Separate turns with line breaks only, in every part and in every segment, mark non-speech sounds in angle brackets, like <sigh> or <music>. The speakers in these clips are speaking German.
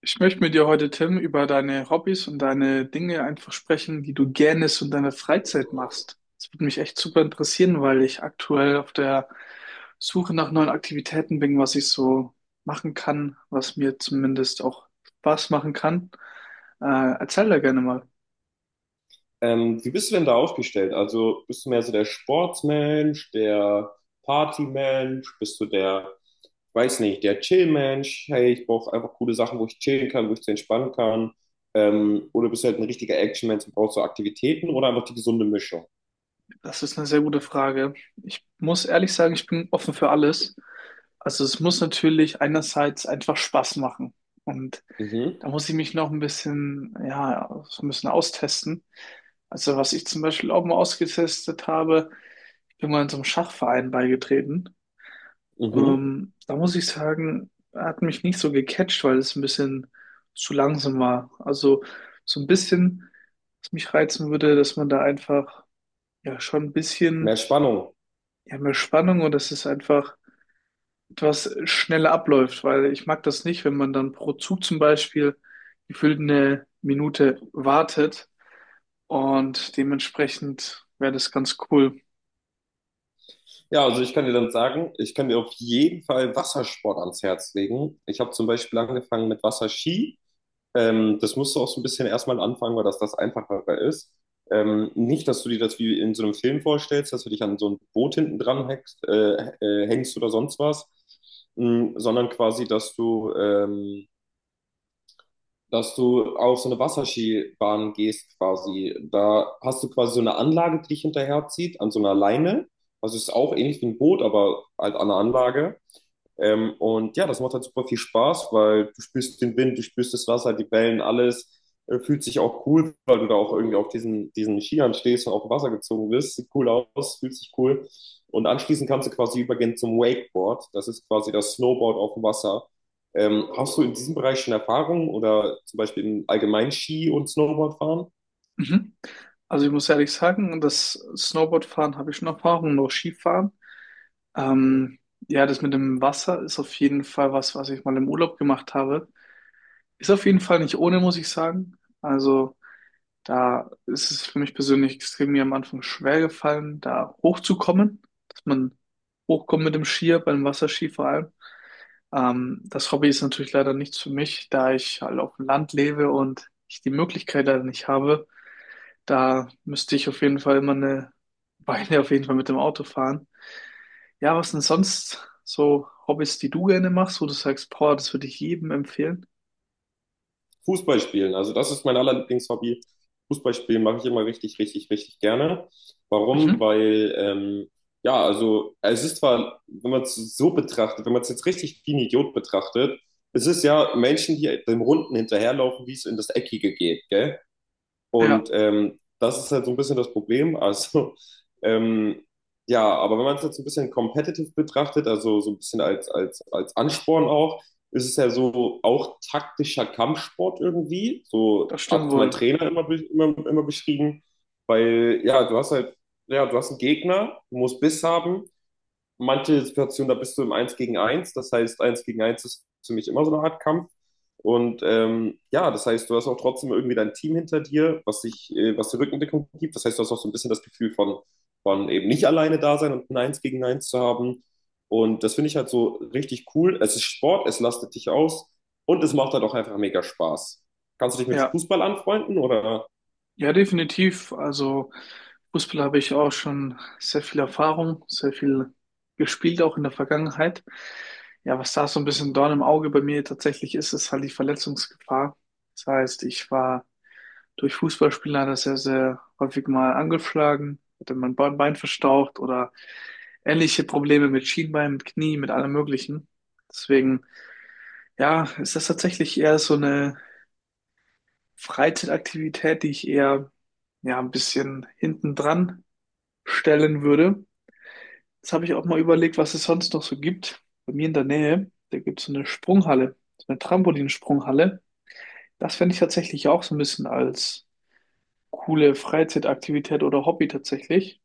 Ich möchte mit dir heute, Tim, über deine Hobbys und deine Dinge einfach sprechen, die du gerne so in deiner Freizeit machst. Das würde mich echt super interessieren, weil ich aktuell auf der Suche nach neuen Aktivitäten bin, was ich so machen kann, was mir zumindest auch Spaß machen kann. Äh, Erzähl da gerne mal.
Wie bist du denn da aufgestellt? Also bist du mehr so der Sportsmensch, der Partymensch, bist du der, weiß nicht, der Chillmensch? Hey, ich brauche einfach coole Sachen, wo ich chillen kann, wo ich zu entspannen kann. Oder bist du halt ein richtiger Actionmensch und brauchst so Aktivitäten oder einfach die gesunde Mischung?
Das ist eine sehr gute Frage. Ich muss ehrlich sagen, ich bin offen für alles. Also es muss natürlich einerseits einfach Spaß machen. Und
Mhm,
da muss ich mich noch ein bisschen, ja, so ein bisschen austesten. Also was ich zum Beispiel auch mal ausgetestet habe, ich bin mal in so einem Schachverein beigetreten.
mhm.
Da muss ich sagen, hat mich nicht so gecatcht, weil es ein bisschen zu langsam war. Also so ein bisschen, was mich reizen würde, dass man da einfach ja schon ein bisschen
Mehr Spannung.
ja, mehr Spannung und dass es einfach etwas schneller abläuft, weil ich mag das nicht, wenn man dann pro Zug zum Beispiel gefühlt 1 Minute wartet. Und dementsprechend wäre das ganz cool.
Ja, also ich kann dir dann sagen, ich kann dir auf jeden Fall Wassersport ans Herz legen. Ich habe zum Beispiel angefangen mit Wasserski. Das musst du auch so ein bisschen erstmal anfangen, weil das das Einfachere ist. Nicht, dass du dir das wie in so einem Film vorstellst, dass du dich an so ein Boot hinten dran hängst, hängst oder sonst was, sondern quasi, dass du auf so eine Wasserskibahn gehst quasi. Da hast du quasi so eine Anlage, die dich hinterherzieht, an so einer Leine. Also es ist auch ähnlich wie ein Boot, aber halt an einer Anlage. Und ja, das macht halt super viel Spaß, weil du spürst den Wind, du spürst das Wasser, die Wellen, alles. Fühlt sich auch cool, weil du da auch irgendwie auf diesen Skiern stehst und auf dem Wasser gezogen wirst. Sieht cool aus, fühlt sich cool. Und anschließend kannst du quasi übergehen zum Wakeboard. Das ist quasi das Snowboard auf dem Wasser. Hast du in diesem Bereich schon Erfahrung oder zum Beispiel im allgemeinen Ski- und Snowboardfahren?
Mhm. Also ich muss ehrlich sagen, das Snowboardfahren habe ich schon Erfahrung, noch Skifahren. Ähm, ja, das mit dem Wasser ist auf jeden Fall was, was ich mal im Urlaub gemacht habe. Ist auf jeden Fall nicht ohne, muss ich sagen. Also da ist es für mich persönlich extrem mir am Anfang schwer gefallen, da hochzukommen, dass man hochkommt mit dem Skier, beim Wasserski vor allem. Das Hobby ist natürlich leider nichts für mich, da ich halt auf dem Land lebe und ich die Möglichkeit leider nicht habe. Da müsste ich auf jeden Fall immer eine <laughs> Weile auf jeden Fall mit dem Auto fahren. Ja, was denn sonst so Hobbys, die du gerne machst, wo du sagst, boah, das würde ich jedem empfehlen?
Fußball spielen. Also das ist mein allerlieblings Hobby. Fußball spielen mache ich immer richtig, richtig, richtig gerne. Warum?
Mhm.
Weil, ja, also es ist zwar, wenn man es so betrachtet, wenn man es jetzt richtig wie ein Idiot betrachtet, es ist ja Menschen, die dem Runden hinterherlaufen, wie es in das Eckige geht, gell?
Ja,
Und das ist halt so ein bisschen das Problem. Also, <laughs> ähm, ja, aber wenn man es jetzt so ein bisschen competitive betrachtet, also so ein bisschen als, Ansporn auch, ist es ja so auch taktischer Kampfsport irgendwie. So
das stimmt
hat mein
wohl.
Trainer immer, immer beschrieben, weil ja, du hast halt, ja, du hast einen Gegner, du musst Biss haben, manche Situationen, da bist du im Eins gegen Eins. Das heißt, Eins gegen Eins ist für mich immer so eine Art Kampf. Und ja, das heißt, du hast auch trotzdem irgendwie dein Team hinter dir, was die Rückendeckung gibt. Das heißt, du hast auch so ein bisschen das Gefühl von eben nicht alleine da sein und ein Eins gegen Eins zu haben. Und das finde ich halt so richtig cool. Es ist Sport, es lastet dich aus und es macht halt auch einfach mega Spaß. Kannst du dich mit
Ja.
Fußball anfreunden oder?
Ja, definitiv. Also Fußball habe ich auch schon sehr viel Erfahrung, sehr viel gespielt, auch in der Vergangenheit. Ja, was da so ein bisschen Dorn im Auge bei mir tatsächlich ist, ist halt die Verletzungsgefahr. Das heißt, ich war durch Fußballspielen leider sehr, sehr häufig mal angeschlagen, hatte mein Bein verstaucht oder ähnliche Probleme mit Schienbein, mit Knie, mit allem Möglichen. Deswegen, ja, ist das tatsächlich eher so eine Freizeitaktivität, die ich eher ja ein bisschen hinten dran stellen würde. Jetzt habe ich auch mal überlegt, was es sonst noch so gibt. Bei mir in der Nähe, da gibt es so eine Sprunghalle, so eine Trampolinsprunghalle. Das fände ich tatsächlich auch so ein bisschen als coole Freizeitaktivität oder Hobby tatsächlich.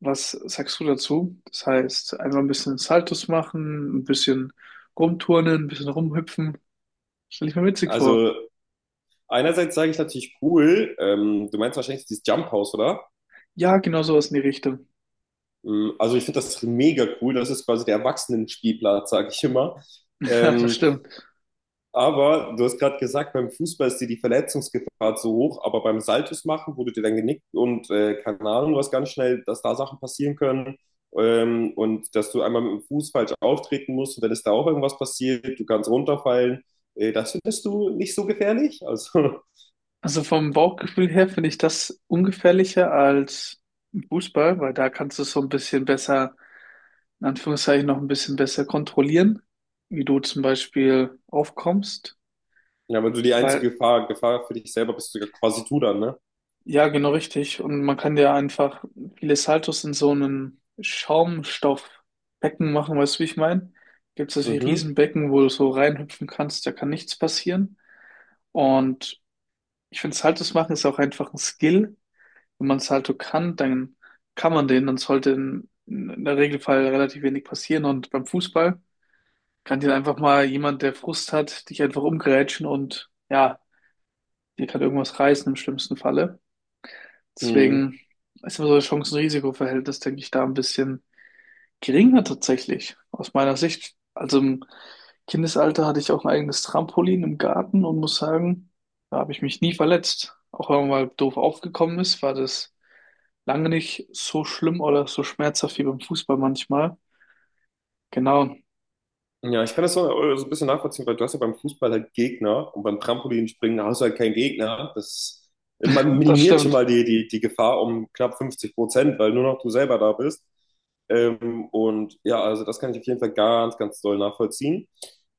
Was sagst du dazu? Das heißt, einmal ein bisschen Saltos machen, ein bisschen rumturnen, ein bisschen rumhüpfen. Stelle ich mir witzig vor.
Also einerseits sage ich natürlich cool. Du meinst wahrscheinlich dieses Jump House, oder?
Ja, genau sowas in die Richtung.
Also ich finde das mega cool. Das ist quasi der Erwachsenenspielplatz, sage ich immer.
<laughs> Ja, das
Ähm,
stimmt.
aber du hast gerade gesagt, beim Fußball ist dir die Verletzungsgefahr zu hoch, aber beim Saltos machen, wo du dir dann genickt und keine Ahnung, was ganz schnell, dass da Sachen passieren können, und dass du einmal mit dem Fuß falsch auftreten musst und dann ist da auch irgendwas passiert, du kannst runterfallen. Das findest du nicht so gefährlich? Also,
Also vom Bauchgefühl her finde ich das ungefährlicher als Fußball, weil da kannst du es so ein bisschen besser, in Anführungszeichen noch ein bisschen besser kontrollieren, wie du zum Beispiel aufkommst,
<laughs> ja, aber du die
weil
einzige Gefahr für dich selber bist du ja quasi du dann, ne?
ja, genau richtig. Und man kann ja einfach viele Saltos in so einem Schaumstoffbecken machen, weißt du, wie ich meine? Gibt es solche
Mhm.
Riesenbecken, wo du so reinhüpfen kannst, da kann nichts passieren. Und ich finde, Saltos machen ist auch einfach ein Skill, wenn man es halt so kann, dann kann man den, dann sollte in der Regelfall relativ wenig passieren. Und beim Fußball kann dir einfach mal jemand, der Frust hat, dich einfach umgrätschen und ja, dir kann irgendwas reißen im schlimmsten Falle.
Mhm.
Deswegen ist immer so das Chancen-Risiko-Verhältnis, denke ich, da ein bisschen geringer tatsächlich, aus meiner Sicht. Also im Kindesalter hatte ich auch ein eigenes Trampolin im Garten und muss sagen, da habe ich mich nie verletzt. Auch wenn man mal doof aufgekommen ist, war das lange nicht so schlimm oder so schmerzhaft wie beim Fußball manchmal. Genau,
Ja, ich kann das so, so ein bisschen nachvollziehen, weil du hast ja beim Fußball halt Gegner und beim Trampolinspringen hast du halt keinen Gegner. Das, man
das
minimiert schon
stimmt.
mal die Gefahr um knapp 50%, weil nur noch du selber da bist. Und ja, also das kann ich auf jeden Fall ganz, ganz doll nachvollziehen.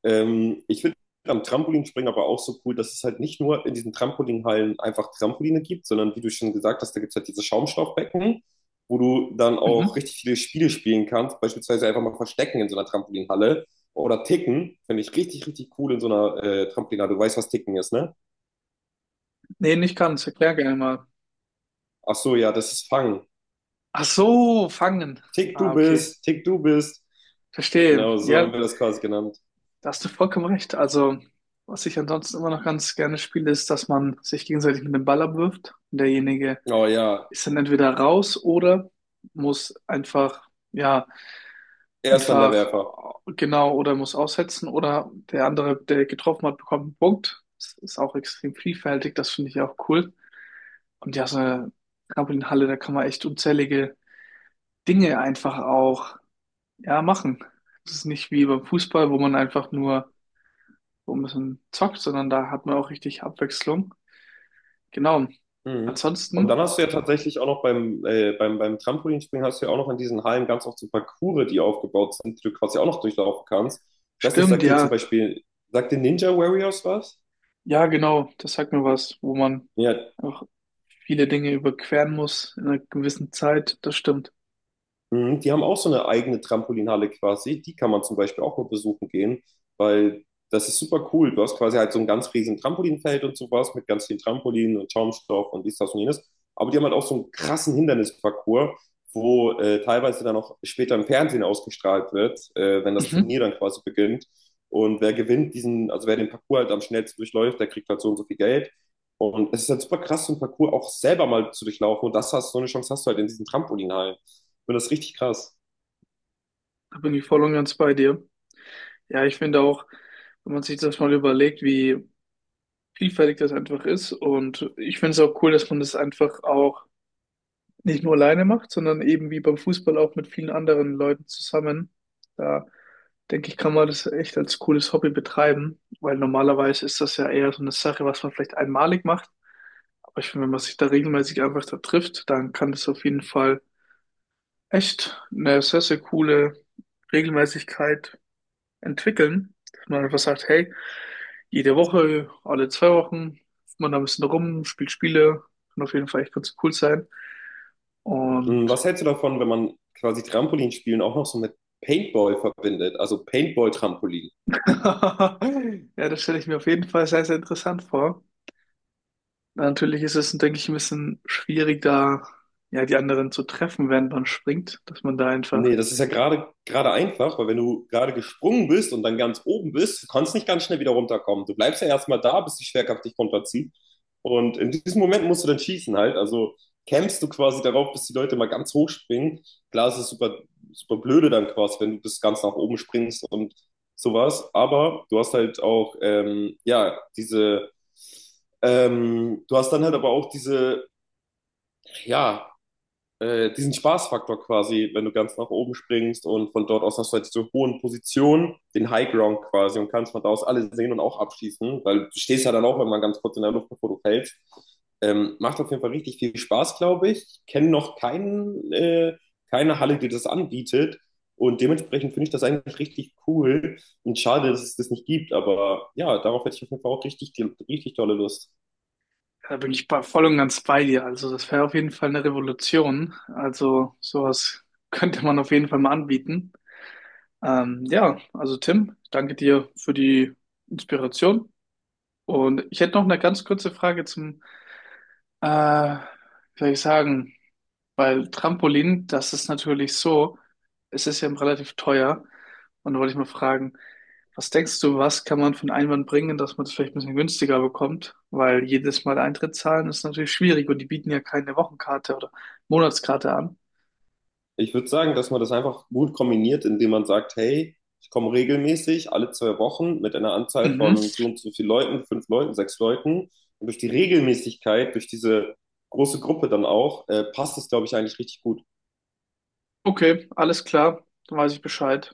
Ich finde am Trampolinspringen aber auch so cool, dass es halt nicht nur in diesen Trampolinhallen einfach Trampoline gibt, sondern wie du schon gesagt hast, da gibt es halt diese Schaumstoffbecken, wo du dann auch
Mhm.
richtig viele Spiele spielen kannst, beispielsweise einfach mal Verstecken in so einer Trampolinhalle. Oder Ticken, finde ich richtig, richtig cool in so einer Trampolinade. Du weißt, was Ticken ist, ne?
Nee, nicht ganz. Erklär gerne mal.
Ach so, ja, das ist Fangen.
Ach so, fangen.
Tick,
Ah,
du
okay.
bist, Tick, du bist.
Verstehe.
Genau, so
Ja,
haben wir das quasi genannt.
da hast du vollkommen recht. Also, was ich ansonsten immer noch ganz gerne spiele, ist, dass man sich gegenseitig mit dem Ball abwirft. Und derjenige
Oh ja,
ist dann entweder raus oder muss einfach, ja,
er ist dann der
einfach
Werfer.
genau oder muss aussetzen oder der andere, der getroffen hat, bekommt einen Punkt. Das ist auch extrem vielfältig, das finde ich auch cool. Und ja, so eine Trampolinhalle, da kann man echt unzählige Dinge einfach auch ja machen. Das ist nicht wie beim Fußball, wo man einfach nur so ein bisschen zockt, sondern da hat man auch richtig Abwechslung. Genau.
Mhm. Und dann
Ansonsten
hast du ja tatsächlich auch noch beim Trampolinspringen hast du ja auch noch in diesen Hallen ganz oft so Parcours, die aufgebaut sind, die du quasi auch noch durchlaufen kannst. Ich weiß nicht,
stimmt, ja.
Sagt dir Ninja Warriors was?
Ja, genau, das sagt mir was, wo man
Ja.
auch viele Dinge überqueren muss in einer gewissen Zeit. Das stimmt.
Mhm. Die haben auch so eine eigene Trampolinhalle quasi. Die kann man zum Beispiel auch mal besuchen gehen, weil das ist super cool. Du hast quasi halt so ein ganz riesen Trampolinfeld und sowas mit ganz vielen Trampolinen und Schaumstoff und dies, das und jenes. Aber die haben halt auch so einen krassen Hindernisparcours, wo teilweise dann auch später im Fernsehen ausgestrahlt wird, wenn das
Mhm.
Turnier dann quasi beginnt. Und wer gewinnt diesen, also wer den Parcours halt am schnellsten durchläuft, der kriegt halt so und so viel Geld. Und es ist halt super krass, so einen Parcours auch selber mal zu durchlaufen. Und das hast, so eine Chance hast du halt in diesen Trampolinhallen. Ich finde das richtig krass.
Da bin ich voll und ganz bei dir. Ja, ich finde auch, wenn man sich das mal überlegt, wie vielfältig das einfach ist. Und ich finde es auch cool, dass man das einfach auch nicht nur alleine macht, sondern eben wie beim Fußball auch mit vielen anderen Leuten zusammen. Da denke ich, kann man das echt als cooles Hobby betreiben, weil normalerweise ist das ja eher so eine Sache, was man vielleicht einmalig macht. Aber ich finde, wenn man sich da regelmäßig einfach da trifft, dann kann das auf jeden Fall echt eine sehr, sehr coole Regelmäßigkeit entwickeln, dass man einfach sagt, hey, jede Woche, alle 2 Wochen, hüpft man da ein bisschen rum, spielt Spiele, kann auf jeden Fall echt ganz cool sein.
Was
Und
hältst du davon, wenn man quasi Trampolinspielen auch noch so mit Paintball verbindet? Also Paintball-Trampolin.
<laughs> ja, das stelle ich mir auf jeden Fall sehr, sehr interessant vor. Natürlich ist es, denke ich, ein bisschen schwierig, da ja die anderen zu treffen, während man springt, dass man da einfach,
Nee, das ist ja gerade einfach, weil wenn du gerade gesprungen bist und dann ganz oben bist, du kannst nicht ganz schnell wieder runterkommen. Du bleibst ja erstmal da, bis die Schwerkraft dich runterzieht. Und in diesem Moment musst du dann schießen halt. Also campst du quasi darauf, bis die Leute mal ganz hoch springen. Klar, es ist super, super blöde dann quasi, wenn du bis ganz nach oben springst und sowas. Aber du hast halt auch, ja, du hast dann halt aber auch ja, diesen Spaßfaktor quasi, wenn du ganz nach oben springst und von dort aus hast du halt diese hohen Positionen, den High Ground quasi und kannst von da aus alle sehen und auch abschießen, weil du stehst ja dann auch immer ganz kurz in der Luft, bevor du fällst. Macht auf jeden Fall richtig viel Spaß, glaube ich. Ich kenne noch keine Halle, die das anbietet. Und dementsprechend finde ich das eigentlich richtig cool und schade, dass es das nicht gibt. Aber ja, darauf hätte ich auf jeden Fall auch richtig, richtig tolle Lust.
ja, da bin ich voll und ganz bei dir. Also das wäre auf jeden Fall eine Revolution. Also sowas könnte man auf jeden Fall mal anbieten. Ja, also Tim, danke dir für die Inspiration. Und ich hätte noch eine ganz kurze Frage zum, äh, wie soll ich sagen, weil Trampolin, das ist natürlich so, es ist ja relativ teuer. Und da wollte ich mal fragen, was denkst du, was kann man für einen Einwand bringen, dass man das vielleicht ein bisschen günstiger bekommt? Weil jedes Mal Eintritt zahlen ist natürlich schwierig und die bieten ja keine Wochenkarte oder Monatskarte an.
Ich würde sagen, dass man das einfach gut kombiniert, indem man sagt, hey, ich komme regelmäßig alle 2 Wochen mit einer Anzahl
Mhm.
von so und so viel Leuten, fünf Leuten, sechs Leuten. Und durch die Regelmäßigkeit, durch diese große Gruppe dann auch, passt es, glaube ich, eigentlich richtig gut.
Okay, alles klar, dann weiß ich Bescheid.